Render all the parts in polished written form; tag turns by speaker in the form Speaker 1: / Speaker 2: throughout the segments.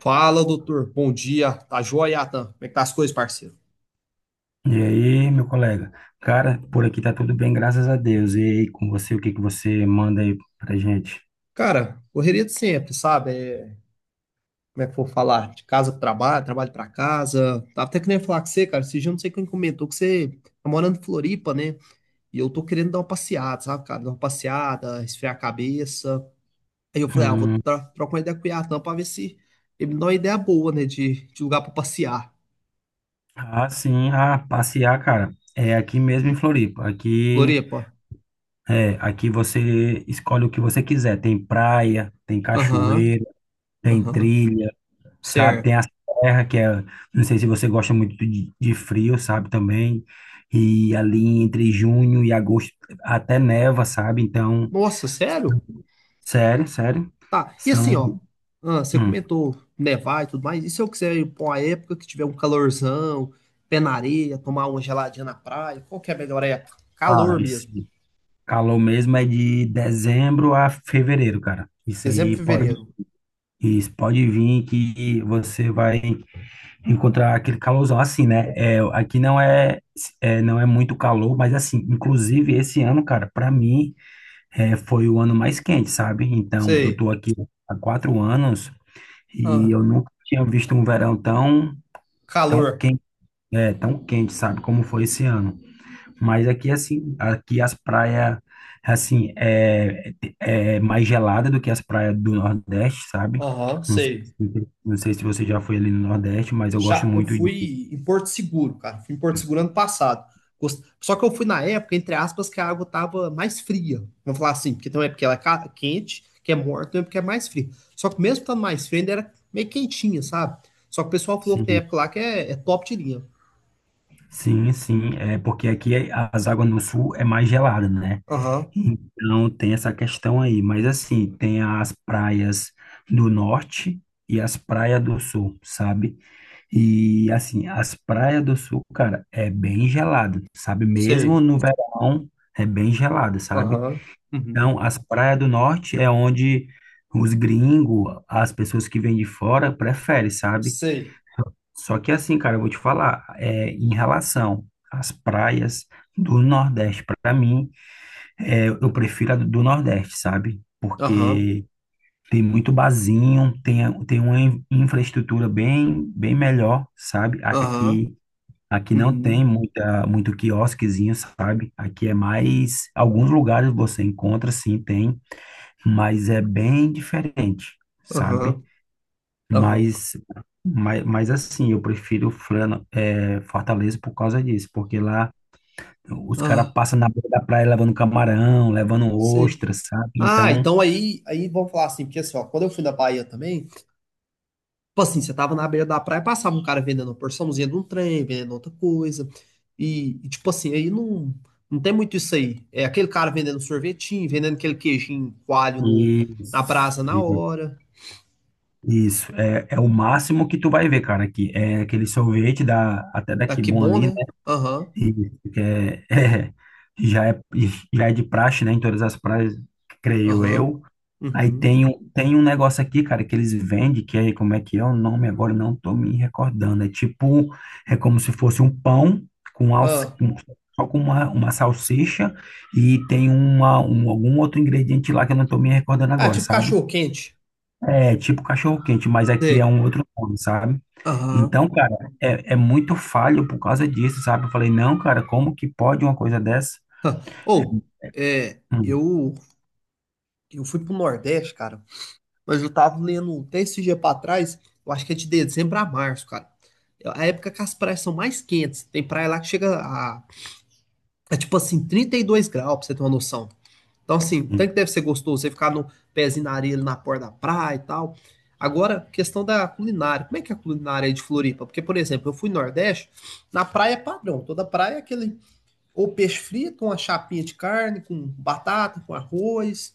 Speaker 1: Fala, doutor. Bom dia. Tá joia, Atan? Como é que tá as coisas, parceiro?
Speaker 2: E aí, meu colega? Cara, por aqui tá tudo bem, graças a Deus. E aí, com você, o que que você manda aí pra gente?
Speaker 1: Cara, correria de sempre, sabe? Como é que eu vou falar? De casa pro trabalho, trabalho pra casa. Tava até querendo falar com você, cara. Esse dia eu não sei quem comentou que você tá morando em Floripa, né? E eu tô querendo dar uma passeada, sabe, cara? Dar uma passeada, esfriar a cabeça. Aí eu falei, ah, eu vou
Speaker 2: Hum,
Speaker 1: trocar uma ideia com o Atan pra ver se ele me dá uma ideia boa, né? De lugar pra passear.
Speaker 2: ah, sim, ah, passear, cara. É aqui mesmo em Floripa. Aqui,
Speaker 1: Floripa.
Speaker 2: é, aqui você escolhe o que você quiser. Tem praia, tem
Speaker 1: Aham,
Speaker 2: cachoeira, tem
Speaker 1: aham.
Speaker 2: trilha, sabe?
Speaker 1: Certo.
Speaker 2: Tem a serra, que é, não sei se você gosta muito de frio, sabe, também. E ali entre junho e agosto até neva, sabe? Então.
Speaker 1: Nossa, sério?
Speaker 2: Sério, sério.
Speaker 1: Tá, e assim,
Speaker 2: São.
Speaker 1: ó, ah, você
Speaker 2: Hum.
Speaker 1: comentou nevar e tudo mais, e se eu quiser ir pra uma época que tiver um calorzão, pé na areia, tomar uma geladinha na praia, qual que é a melhor época?
Speaker 2: Ah,
Speaker 1: Calor mesmo.
Speaker 2: esse calor mesmo é de dezembro a fevereiro, cara.
Speaker 1: Exemplo, fevereiro.
Speaker 2: Isso pode vir que você vai encontrar aquele calorzão assim, né? Aqui não é muito calor, mas assim, inclusive esse ano, cara, para mim foi o ano mais quente, sabe? Então eu
Speaker 1: Sei.
Speaker 2: tô aqui há 4 anos e
Speaker 1: Ah,
Speaker 2: eu nunca tinha visto um verão tão, tão
Speaker 1: calor.
Speaker 2: quente, tão quente, sabe? Como foi esse ano. Mas aqui, assim, aqui as praias, assim, é mais gelada do que as praias do Nordeste, sabe?
Speaker 1: Aham, sei.
Speaker 2: Não sei se você já foi ali no Nordeste, mas eu gosto
Speaker 1: Já, eu
Speaker 2: muito de.
Speaker 1: fui em Porto Seguro, cara. Fui em Porto Seguro ano passado. Só que eu fui na época, entre aspas, que a água tava mais fria. Vamos falar assim, porque tem uma época que ela é quente, que é morta, tem uma época que é mais fria. Só que mesmo estando mais fria, ainda era meio quentinha, sabe? Só que o pessoal falou que tem
Speaker 2: Sim,
Speaker 1: época lá que é top de linha.
Speaker 2: sim, sim, é porque as águas no Sul é mais gelada, né?
Speaker 1: Aham,
Speaker 2: Então tem essa questão aí, mas assim, tem as praias do Norte e as praias do Sul, sabe? E assim, as praias do sul, cara, é bem gelado, sabe? Mesmo
Speaker 1: sei.
Speaker 2: no verão, é bem gelado, sabe?
Speaker 1: Aham, uhum,
Speaker 2: Então, as praias do norte é onde os gringos, as pessoas que vêm de fora, preferem, sabe?
Speaker 1: sei.
Speaker 2: Só que assim, cara, eu vou te falar, em relação às praias do Nordeste, pra mim, eu prefiro a do Nordeste, sabe?
Speaker 1: Aham,
Speaker 2: Porque tem muito barzinho, tem uma infraestrutura bem, bem melhor, sabe?
Speaker 1: aham,
Speaker 2: Aqui. Aqui não
Speaker 1: uhum,
Speaker 2: tem muito quiosquezinho, sabe? Aqui é mais. Alguns lugares você encontra, sim, tem, mas é bem diferente, sabe?
Speaker 1: aham, aham,
Speaker 2: Mas, mas assim, eu prefiro Fortaleza por causa disso, porque lá os caras
Speaker 1: ah,
Speaker 2: passam na beira da praia levando camarão, levando
Speaker 1: sei.
Speaker 2: ostra, sabe?
Speaker 1: Ah,
Speaker 2: Então,
Speaker 1: então aí vamos falar assim, porque assim, ó, quando eu fui na Bahia também. Tipo assim, você tava na beira da praia, passava um cara vendendo uma porçãozinha de um trem, vendendo outra coisa. E tipo assim, aí não, não tem muito isso aí. É aquele cara vendendo sorvetinho, vendendo aquele queijinho coalho no, na
Speaker 2: isso,
Speaker 1: brasa na
Speaker 2: e-
Speaker 1: hora.
Speaker 2: isso é o máximo que tu vai ver, cara, aqui. É aquele sorvete da, até
Speaker 1: Ah,
Speaker 2: daqui
Speaker 1: que
Speaker 2: bom
Speaker 1: bom,
Speaker 2: ali.
Speaker 1: né? Aham,
Speaker 2: Isso, que já é, já é de praxe, né? Em todas as praias, creio
Speaker 1: aham,
Speaker 2: eu. Aí
Speaker 1: uhum.
Speaker 2: tem um negócio aqui, cara, que eles vendem, que é, como é que é o nome agora? Não tô me recordando. É como se fosse um pão com, alça,
Speaker 1: Ah,
Speaker 2: com só com uma salsicha e tem algum outro ingrediente lá que eu não tô me recordando
Speaker 1: ah,
Speaker 2: agora,
Speaker 1: tipo
Speaker 2: sabe?
Speaker 1: cachorro quente.
Speaker 2: É tipo cachorro-quente, mas aqui é
Speaker 1: Sei.
Speaker 2: um outro nome, sabe?
Speaker 1: Aham.
Speaker 2: Então, cara, é muito falho por causa disso, sabe? Eu falei, não, cara, como que pode uma coisa dessa?
Speaker 1: Ah.
Speaker 2: É.
Speaker 1: É,
Speaker 2: Hum.
Speaker 1: eu, eu fui pro Nordeste, cara. Mas eu tava lendo um texto esse dia pra trás, eu acho que é de dezembro a março, cara. É a época que as praias são mais quentes. Tem praia lá que chega a, tipo assim, 32 graus, pra você ter uma noção. Então, assim, tanto
Speaker 2: Sim.
Speaker 1: que deve ser gostoso você ficar no pezinho na areia, ali na porta da praia e tal. Agora, questão da culinária. Como é que é a culinária aí de Floripa? Porque, por exemplo, eu fui no Nordeste, na praia é padrão. Toda praia é aquele ou peixe frito, com uma chapinha de carne, com batata, com arroz.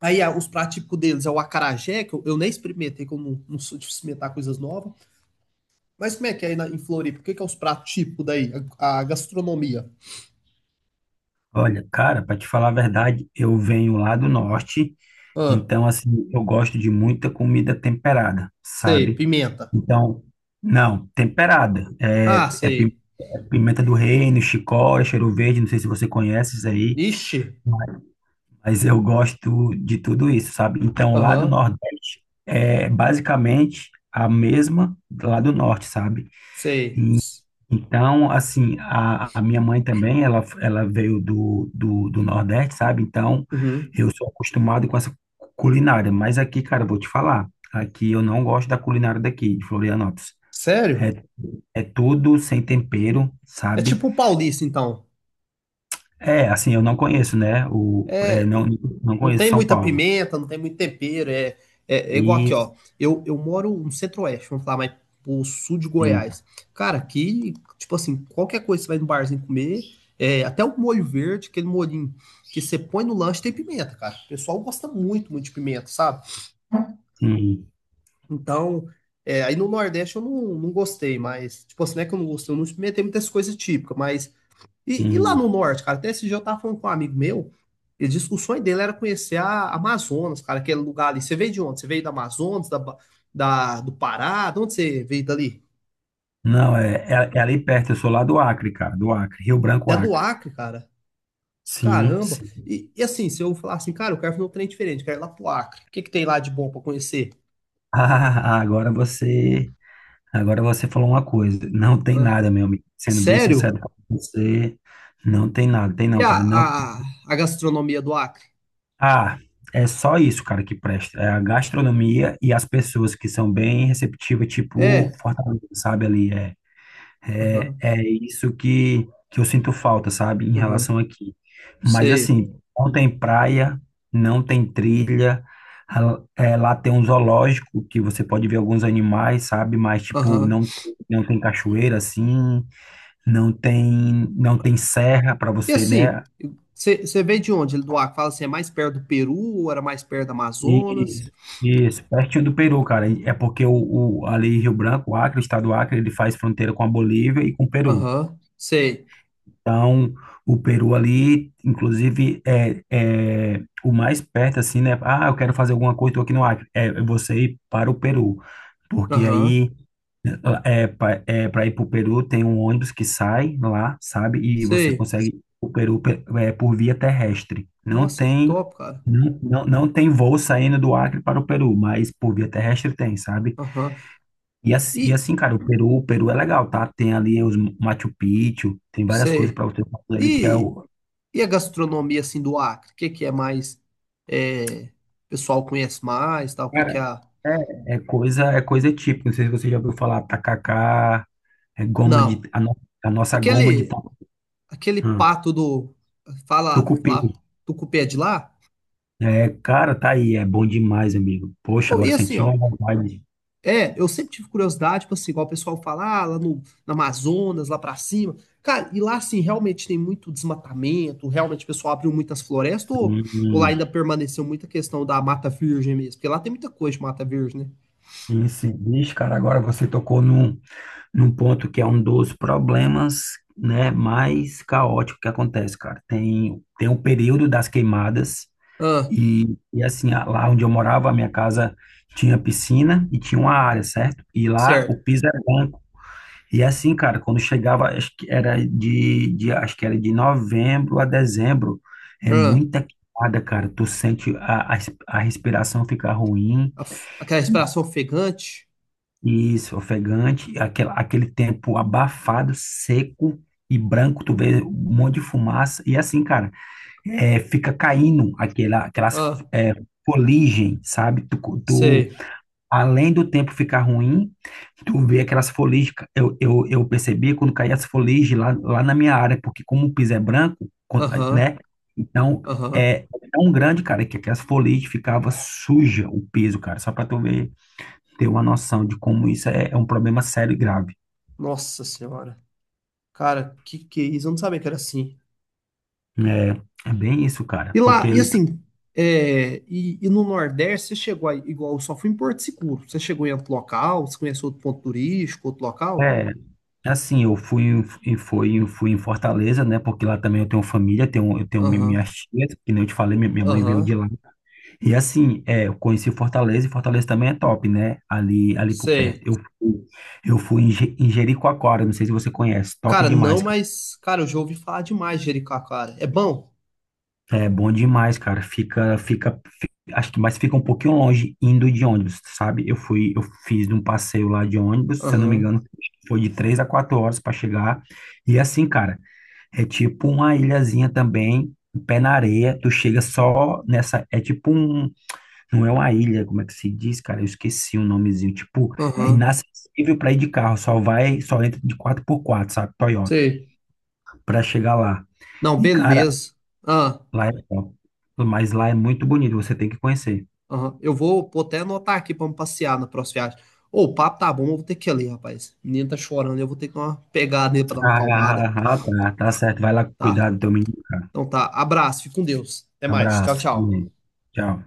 Speaker 1: Aí os pratos típicos deles é o acarajé, que eu nem experimentei, que eu não sou de experimentar coisas novas. Mas como é que é aí em Floripa? O que, que é os pratos típicos daí? A gastronomia.
Speaker 2: Olha, cara, para te falar a verdade, eu venho lá do norte,
Speaker 1: Ah,
Speaker 2: então, assim, eu gosto de muita comida temperada,
Speaker 1: sei,
Speaker 2: sabe?
Speaker 1: pimenta.
Speaker 2: Então, não, temperada. É,
Speaker 1: Ah,
Speaker 2: é pi-
Speaker 1: sei.
Speaker 2: é pimenta do reino, chicória, cheiro verde, não sei se você conhece isso aí.
Speaker 1: Ixi.
Speaker 2: Mas eu gosto de tudo isso, sabe? Então, lá do
Speaker 1: Aham,
Speaker 2: Nordeste é basicamente a mesma lá do Norte, sabe?
Speaker 1: sei.
Speaker 2: Então, assim, a minha mãe também, ela veio do Nordeste, sabe? Então,
Speaker 1: Uhum.
Speaker 2: eu sou acostumado com essa culinária. Mas aqui, cara, eu vou te falar, aqui eu não gosto da culinária daqui, de Florianópolis.
Speaker 1: Sério?
Speaker 2: É, é tudo sem tempero,
Speaker 1: É
Speaker 2: sabe?
Speaker 1: tipo o paulista, então.
Speaker 2: É, assim, eu não conheço, né? O, é,
Speaker 1: É,
Speaker 2: não, não
Speaker 1: não
Speaker 2: conheço
Speaker 1: tem
Speaker 2: São
Speaker 1: muita
Speaker 2: Paulo.
Speaker 1: pimenta, não tem muito tempero. É igual aqui,
Speaker 2: E,
Speaker 1: ó. Eu moro no centro-oeste, vamos falar, mas pro sul de
Speaker 2: sim,
Speaker 1: Goiás. Cara, aqui, tipo assim, qualquer coisa que você vai no barzinho comer, até o molho verde, aquele molhinho que você põe no lanche, tem pimenta, cara. O pessoal gosta muito, muito de pimenta, sabe?
Speaker 2: sim.
Speaker 1: Então, aí no Nordeste eu não gostei, mas, tipo assim, não é que eu não gostei, eu não experimentei muitas coisas típicas, mas e lá no
Speaker 2: Sim.
Speaker 1: norte, cara, até esse dia eu tava falando com um amigo meu, ele disse que o sonho dele era conhecer a Amazonas, cara, aquele lugar ali. Você veio de onde? Você veio da Amazonas, do Pará? De onde você veio dali?
Speaker 2: Não, é ali perto, eu sou lá do Acre, cara, do Acre, Rio Branco,
Speaker 1: Até do
Speaker 2: Acre.
Speaker 1: Acre, cara.
Speaker 2: Sim,
Speaker 1: Caramba.
Speaker 2: sim.
Speaker 1: E assim, se eu falar assim, cara, eu quero fazer um trem diferente, quero ir lá pro Acre. O que que tem lá de bom pra conhecer?
Speaker 2: Ah, agora você falou uma coisa. Não tem
Speaker 1: Hã?
Speaker 2: nada, meu amigo. Sendo bem
Speaker 1: Sério?
Speaker 2: sincero com você, não tem nada, tem
Speaker 1: E
Speaker 2: não, cara. Não.
Speaker 1: a, a gastronomia do Acre?
Speaker 2: Ah, é só isso, cara, que presta. É a gastronomia e as pessoas que são bem receptivas, tipo
Speaker 1: É?
Speaker 2: Fortaleza, sabe ali, é. É,
Speaker 1: Aham,
Speaker 2: é isso que eu sinto falta, sabe, em
Speaker 1: aham,
Speaker 2: relação aqui. Mas
Speaker 1: sei.
Speaker 2: assim, não tem praia, não tem trilha. Ah, é, lá tem um zoológico que você pode ver alguns animais, sabe? Mas tipo,
Speaker 1: Aham.
Speaker 2: não, não tem cachoeira assim, não tem serra para
Speaker 1: E
Speaker 2: você,
Speaker 1: assim,
Speaker 2: né?
Speaker 1: você veio de onde? Ele do Acre? Fala assim, é mais perto do Peru ou era mais perto do Amazonas?
Speaker 2: Isso, isso, pertinho do Peru, cara. É porque o ali Rio Branco, o Acre, o estado do Acre, ele faz fronteira com a Bolívia e com o Peru.
Speaker 1: Aham, sei.
Speaker 2: Então, o Peru ali, inclusive, é o mais perto, assim, né? Ah, eu quero fazer alguma coisa, tô aqui no Acre. É você ir para o Peru. Porque
Speaker 1: Aham,
Speaker 2: aí, para ir para o Peru, tem um ônibus que sai lá, sabe? E você
Speaker 1: sei.
Speaker 2: consegue ir o Peru por via terrestre. Não
Speaker 1: Nossa, que
Speaker 2: tem,
Speaker 1: top, cara.
Speaker 2: não, não, não tem voo saindo do Acre para o Peru, mas por via terrestre tem, sabe?
Speaker 1: Aham.
Speaker 2: E assim, e
Speaker 1: E,
Speaker 2: assim, cara, o Peru é legal, tá? Tem ali os Machu Picchu, tem várias coisas
Speaker 1: Sei.
Speaker 2: para você fazer ali que é
Speaker 1: E,
Speaker 2: o.
Speaker 1: e a gastronomia, assim, do Acre? O que que é mais... É, o pessoal conhece mais, tal? O que que
Speaker 2: Cara,
Speaker 1: é a...
Speaker 2: é coisa típica. Não sei se você já ouviu falar tacacá, é goma de
Speaker 1: Não.
Speaker 2: a, no- a nossa goma de ta-
Speaker 1: Aquele, aquele
Speaker 2: hum,
Speaker 1: pato do... Fala,
Speaker 2: tucupi.
Speaker 1: fala, do cupê de lá?
Speaker 2: É, cara, tá aí, é bom demais, amigo. Poxa,
Speaker 1: Oh,
Speaker 2: agora
Speaker 1: e assim,
Speaker 2: senti
Speaker 1: ó.
Speaker 2: uma vontade.
Speaker 1: Eu sempre tive curiosidade, tipo assim, igual o pessoal fala, ah, lá no Amazonas, lá pra cima. Cara, e lá, assim, realmente tem muito desmatamento, realmente o pessoal abriu muitas florestas, ou lá
Speaker 2: Sim,
Speaker 1: ainda permaneceu muita questão da mata virgem mesmo? Porque lá tem muita coisa de mata virgem, né?
Speaker 2: sim, sim. Bicho, cara, agora você tocou num ponto que é um dos problemas, né, mais caótico que acontece, cara. Tem o período das queimadas
Speaker 1: Ah,
Speaker 2: e assim, lá onde eu morava, a minha casa tinha piscina e tinha uma área, certo? E lá o
Speaker 1: certo.
Speaker 2: piso era branco. E assim, cara, quando chegava, acho que era de novembro a dezembro, é
Speaker 1: Ah,
Speaker 2: muita queimada, cara. Tu sente a respiração ficar ruim.
Speaker 1: aquela respiração ofegante.
Speaker 2: Isso, ofegante, aquele tempo abafado, seco e branco, tu vê um monte de fumaça, e assim, cara, fica caindo aquelas
Speaker 1: Ah,
Speaker 2: é, foligem, sabe? Tu-
Speaker 1: sei.
Speaker 2: Além do tempo ficar ruim, tu vê aquelas foligens, eu percebi quando caía as foligens lá na minha área, porque como o piso é branco, quando-
Speaker 1: Aham,
Speaker 2: né? Então,
Speaker 1: aham.
Speaker 2: é tão grande, cara, que aquelas foligens ficava suja o piso, cara, só pra tu ver ter uma noção de como isso é, é um problema sério e grave.
Speaker 1: Nossa Senhora. Cara, que é isso? Eu não sabia que era assim.
Speaker 2: É bem isso, cara,
Speaker 1: E
Speaker 2: porque
Speaker 1: lá, e
Speaker 2: ele
Speaker 1: assim, no Nordeste, você chegou aí, igual, eu só fui em Porto Seguro. Você chegou em outro local? Você conheceu outro ponto turístico, outro local?
Speaker 2: é é assim, eu fui em- em- fui em- fui em Fortaleza, né? Porque lá também eu tenho família, tenho
Speaker 1: Aham,
Speaker 2: minhas tias, que nem eu te falei, minha mãe veio de
Speaker 1: aham,
Speaker 2: lá. E assim, eu conheci Fortaleza e Fortaleza também é top, né? Ali por perto.
Speaker 1: sei.
Speaker 2: Eu fui em Jericoacoara, não sei se você conhece, top
Speaker 1: Cara, não,
Speaker 2: demais.
Speaker 1: mas, cara, eu já ouvi falar demais de Jericoacoara. É bom?
Speaker 2: É bom demais, cara. Acho que mais fica um pouquinho longe indo de ônibus, sabe? Eu fiz um passeio lá de ônibus, se eu não me
Speaker 1: Aham,
Speaker 2: engano, foi de 3 a 4 horas para chegar. E assim, cara, é tipo uma ilhazinha também, pé na areia. Tu chega só nessa, é tipo um, não é uma ilha, como é que se diz, cara? Eu esqueci o nomezinho. Tipo, é
Speaker 1: aham,
Speaker 2: inacessível para ir de carro, só vai, só entra de 4x4, sabe? Toyota,
Speaker 1: sei.
Speaker 2: para chegar lá.
Speaker 1: Não,
Speaker 2: E, cara,
Speaker 1: beleza. Ah,
Speaker 2: lá é top. Mas lá é muito bonito, você tem que conhecer.
Speaker 1: aham. Eu vou até anotar aqui pra me passear na próxima viagem. Ô, o papo tá bom, eu vou ter que ir ali, rapaz. O menino tá chorando, eu vou ter que dar uma pegada nele pra dar uma
Speaker 2: Ah,
Speaker 1: acalmada.
Speaker 2: ah, ah, tá, tá certo. Vai lá
Speaker 1: Tá.
Speaker 2: cuidar do teu menino, cara.
Speaker 1: Então tá, abraço, fique com Deus. Até mais. Tchau,
Speaker 2: Abraço.
Speaker 1: tchau.
Speaker 2: Tchau.